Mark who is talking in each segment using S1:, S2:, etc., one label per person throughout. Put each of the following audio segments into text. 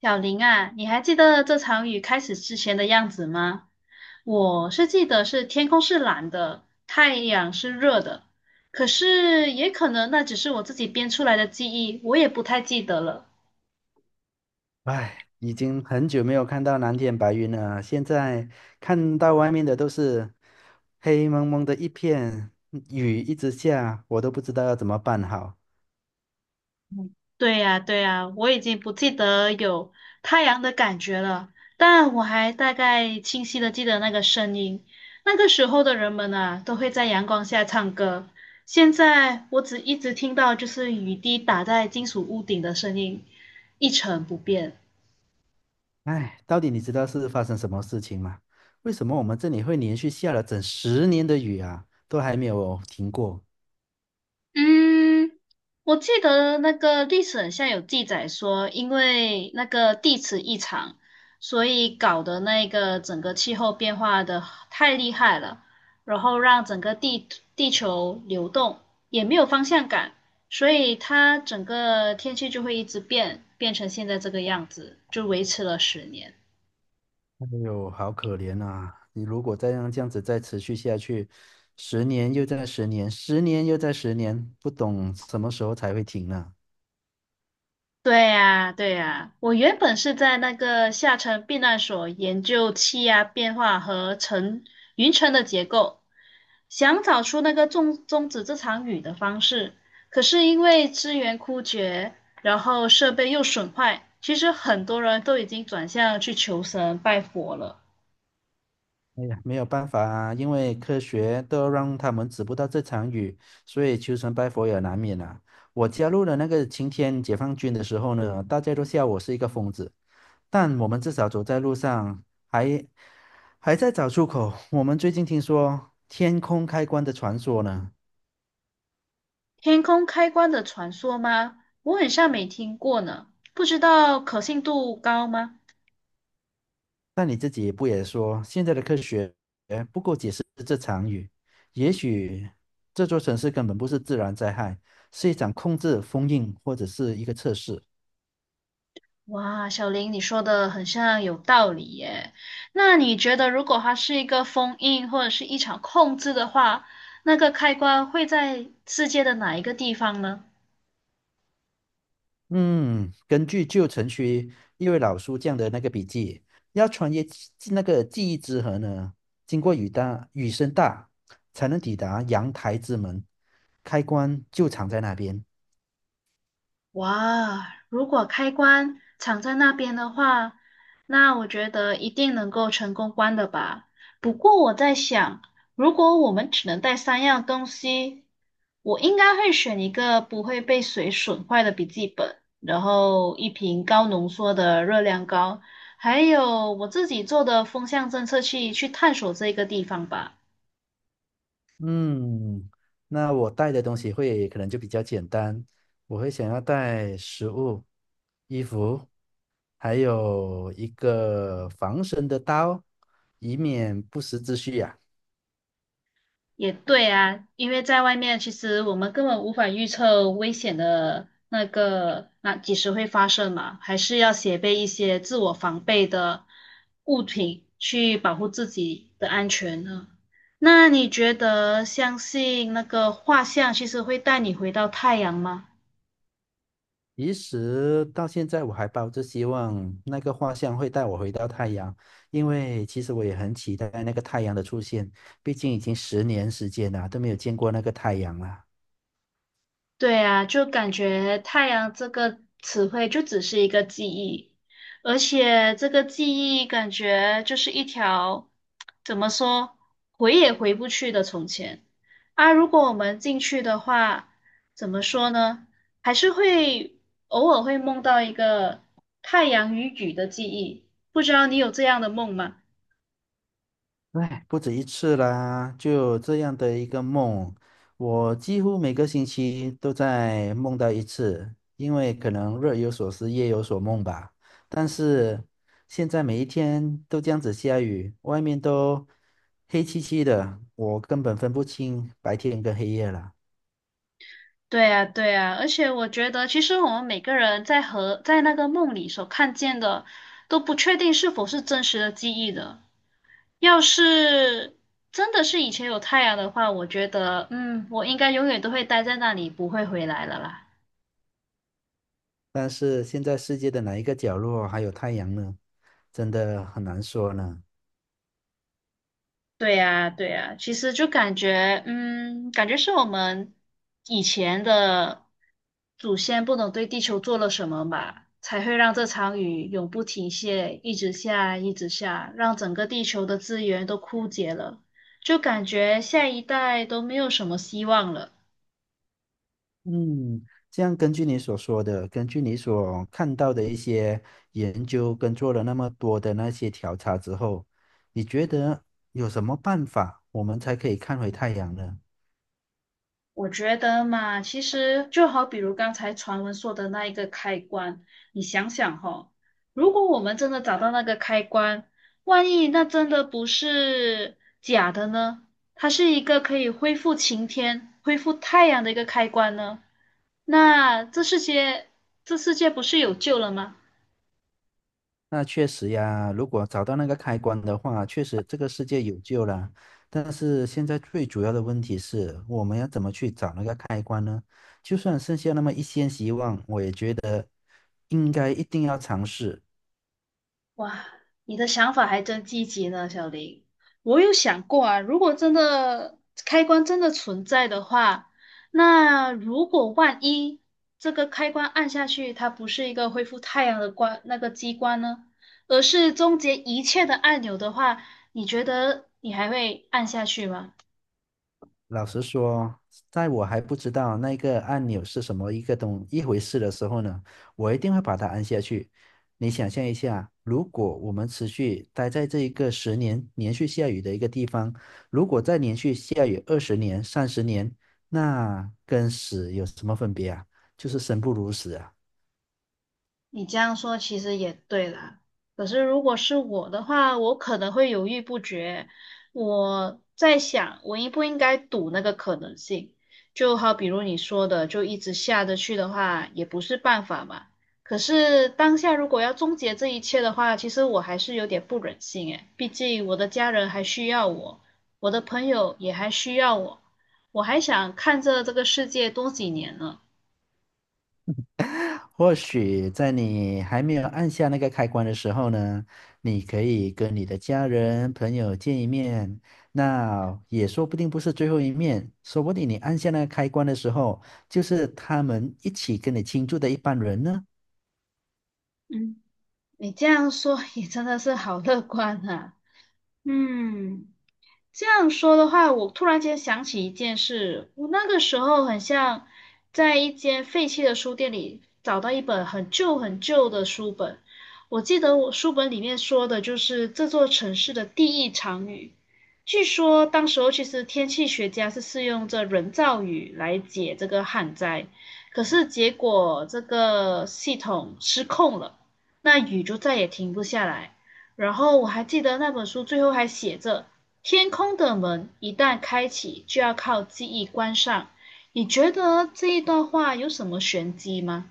S1: 小林啊，你还记得这场雨开始之前的样子吗？我是记得是天空是蓝的，太阳是热的，可是也可能那只是我自己编出来的记忆，我也不太记得了。
S2: 唉，已经很久没有看到蓝天白云了，现在看到外面的都是黑蒙蒙的一片，雨一直下，我都不知道要怎么办好。
S1: 对呀，对呀，我已经不记得有太阳的感觉了，但我还大概清晰的记得那个声音。那个时候的人们啊，都会在阳光下唱歌。现在我只一直听到就是雨滴打在金属屋顶的声音，一成不变。
S2: 唉，到底你知道是发生什么事情吗？为什么我们这里会连续下了整十年的雨啊，都还没有停过？
S1: 嗯，我记得那个历史很像有记载说，因为那个地磁异常，所以搞得那个整个气候变化的太厉害了，然后让整个地球流动也没有方向感，所以它整个天气就会一直变，变成现在这个样子，就维持了十年。
S2: 哎呦，好可怜啊！你如果再让这样子再持续下去，十年又再十年，十年又再十年，不懂什么时候才会停呢？
S1: 对呀，对呀，我原本是在那个下沉避难所研究气压变化和云层的结构，想找出那个终止这场雨的方式。可是因为资源枯竭，然后设备又损坏，其实很多人都已经转向去求神拜佛了。
S2: 哎呀，没有办法啊，因为科学都让他们止不到这场雨，所以求神拜佛也难免啊。我加入了那个晴天解放军的时候呢，大家都笑我是一个疯子，但我们至少走在路上还还在找出口。我们最近听说天空开关的传说呢，
S1: 天空开关的传说吗？我很像没听过呢，不知道可信度高吗？
S2: 但你自己不也说现在的科学不够解释这场雨？也许这座城市根本不是自然灾害，是一场控制、封印或者是一个测试。
S1: 哇，小林，你说的很像有道理耶。那你觉得，如果它是一个封印或者是一场控制的话，那个开关会在世界的哪一个地方呢？
S2: 嗯，根据旧城区一位老书匠的那个笔记，要穿越记那个记忆之河呢，经过雨大雨声大，才能抵达阳台之门，开关就藏在那边。
S1: 哇，如果开关藏在那边的话，那我觉得一定能够成功关的吧。不过我在想，如果我们只能带三样东西，我应该会选一个不会被水损坏的笔记本，然后一瓶高浓缩的热量膏，还有我自己做的风向侦测器去探索这个地方吧。
S2: 嗯，那我带的东西会可能就比较简单，我会想要带食物、衣服，还有一个防身的刀，以免不时之需呀、
S1: 也对啊，因为在外面，其实我们根本无法预测危险的那个那几时会发生嘛，还是要携带一些自我防备的物品去保护自己的安全呢。那你觉得相信那个画像其实会带你回到太阳吗？
S2: 其实到现在，我还抱着希望那个画像会带我回到太阳，因为其实我也很期待那个太阳的出现，毕竟已经10年时间了，都没有见过那个太阳了。
S1: 对啊，就感觉"太阳"这个词汇就只是一个记忆，而且这个记忆感觉就是一条，怎么说，回也回不去的从前。啊，如果我们进去的话，怎么说呢？还是会偶尔会梦到一个太阳与雨的记忆，不知道你有这样的梦吗？
S2: 哎，不止一次啦，就有这样的一个梦，我几乎每个星期都在梦到一次，因为可能日有所思，夜有所梦吧。但是现在每一天都这样子下雨，外面都黑漆漆的，我根本分不清白天跟黑夜了。
S1: 对呀，对呀，而且我觉得，其实我们每个人在和在那个梦里所看见的，都不确定是否是真实的记忆的。要是真的是以前有太阳的话，我觉得，嗯，我应该永远都会待在那里，不会回来了啦。
S2: 但是现在世界的哪一个角落还有太阳呢？真的很难说呢。
S1: 对呀，对呀，其实就感觉，嗯，感觉是我们以前的祖先不懂对地球做了什么吧，才会让这场雨永不停歇，一直下，一直下，让整个地球的资源都枯竭了，就感觉下一代都没有什么希望了。
S2: 嗯，这样根据你所说的，根据你所看到的一些研究跟做了那么多的那些调查之后，你觉得有什么办法我们才可以看回太阳呢？
S1: 我觉得嘛，其实就好比如刚才传闻说的那一个开关，你想想哈，如果我们真的找到那个开关，万一那真的不是假的呢？它是一个可以恢复晴天、恢复太阳的一个开关呢？那这世界，这世界不是有救了吗？
S2: 那确实呀，如果找到那个开关的话，确实这个世界有救了。但是现在最主要的问题是，我们要怎么去找那个开关呢？就算剩下那么一线希望，我也觉得应该一定要尝试。
S1: 哇，你的想法还真积极呢，小林。我有想过啊，如果真的开关真的存在的话，那如果万一这个开关按下去，它不是一个恢复太阳的关那个机关呢，而是终结一切的按钮的话，你觉得你还会按下去吗？
S2: 老实说，在我还不知道那个按钮是什么一个东一回事的时候呢，我一定会把它按下去。你想象一下，如果我们持续待在这一个十年连续下雨的一个地方，如果再连续下雨20年、30年，那跟死有什么分别啊？就是生不如死啊！
S1: 你这样说其实也对啦，可是如果是我的话，我可能会犹豫不决。我在想，我应不应该赌那个可能性？就好比如你说的，就一直下着去的话，也不是办法嘛。可是当下如果要终结这一切的话，其实我还是有点不忍心诶，毕竟我的家人还需要我，我的朋友也还需要我，我还想看着这个世界多几年呢。
S2: 或许在你还没有按下那个开关的时候呢，你可以跟你的家人、朋友见一面，那也说不定不是最后一面，说不定你按下那个开关的时候，就是他们一起跟你庆祝的一班人呢。
S1: 嗯。你这样说也真的是好乐观啊。嗯，这样说的话，我突然间想起一件事，我那个时候很像在一间废弃的书店里找到一本很旧很旧的书本。我记得我书本里面说的就是这座城市的第一场雨。据说当时候其实天气学家是试用这人造雨来解这个旱灾，可是结果这个系统失控了，那雨就再也停不下来。然后我还记得那本书最后还写着。天空的门一旦开启，就要靠记忆关上。你觉得这一段话有什么玄机吗？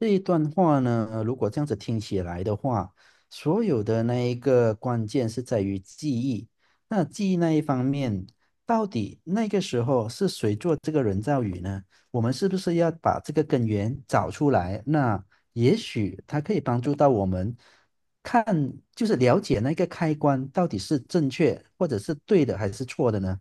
S2: 这一段话呢，如果这样子听起来的话，所有的那一个关键是在于记忆。那记忆那一方面，到底那个时候是谁做这个人造雨呢？我们是不是要把这个根源找出来？那也许它可以帮助到我们看，就是了解那个开关到底是正确或者是对的还是错的呢？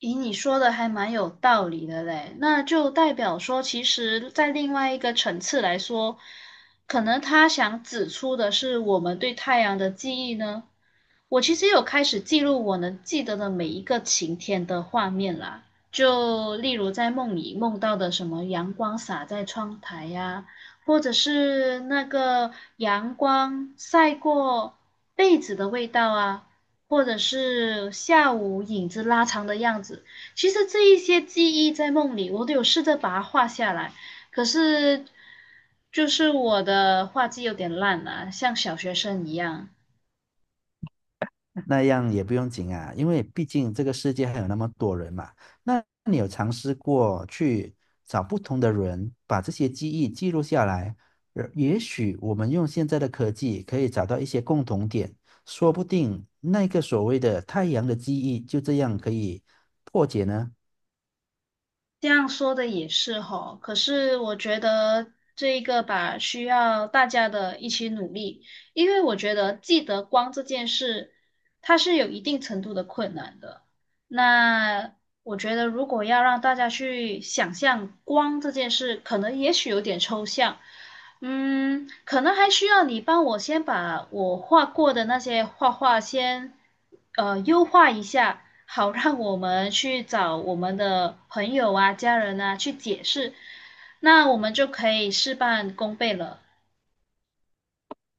S1: 咦，你说的还蛮有道理的嘞，那就代表说，其实，在另外一个层次来说，可能他想指出的是我们对太阳的记忆呢。我其实有开始记录我能记得的每一个晴天的画面啦，就例如在梦里梦到的什么阳光洒在窗台呀、或者是那个阳光晒过被子的味道啊，或者是下午影子拉长的样子。其实这一些记忆在梦里，我都有试着把它画下来，可是就是我的画技有点烂了，像小学生一样。
S2: 那样也不用紧啊，因为毕竟这个世界还有那么多人嘛。那你有尝试过去找不同的人，把这些记忆记录下来？也许我们用现在的科技可以找到一些共同点，说不定那个所谓的太阳的记忆就这样可以破解呢。
S1: 这样说的也是吼，可是我觉得这一个吧，需要大家的一起努力，因为我觉得记得光这件事，它是有一定程度的困难的。那我觉得，如果要让大家去想象光这件事，可能也许有点抽象，嗯，可能还需要你帮我先把我画过的那些画画先，优化一下，好让我们去找我们的朋友啊、家人啊去解释，那我们就可以事半功倍了。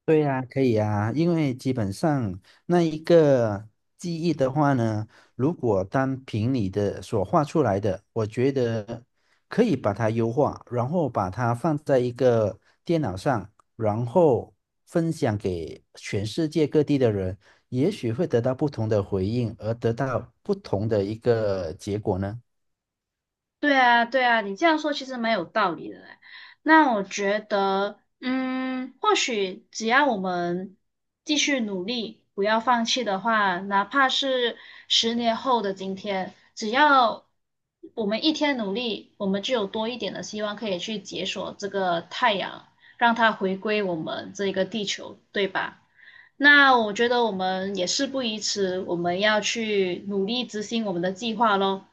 S2: 对呀，可以呀，因为基本上那一个记忆的话呢，如果单凭你的所画出来的，我觉得可以把它优化，然后把它放在一个电脑上，然后分享给全世界各地的人，也许会得到不同的回应，而得到不同的一个结果呢。
S1: 对啊，对啊，你这样说其实蛮有道理的嘞。那我觉得，嗯，或许只要我们继续努力，不要放弃的话，哪怕是10年后的今天，只要我们一天努力，我们就有多一点的希望可以去解锁这个太阳，让它回归我们这个地球，对吧？那我觉得我们也事不宜迟，我们要去努力执行我们的计划喽。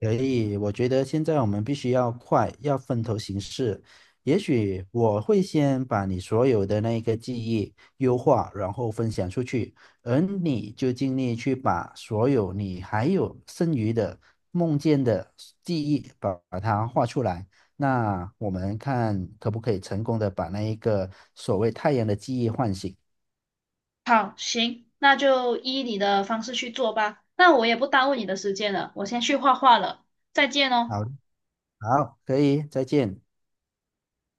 S2: 可以，我觉得现在我们必须要快，要分头行事。也许我会先把你所有的那个记忆优化，然后分享出去，而你就尽力去把所有你还有剩余的梦见的记忆把它画出来。那我们看可不可以成功的把那一个所谓太阳的记忆唤醒。
S1: 好，行，那就依你的方式去做吧。那我也不耽误你的时间了，我先去画画了，再见哦。
S2: 好，好，可以，再见。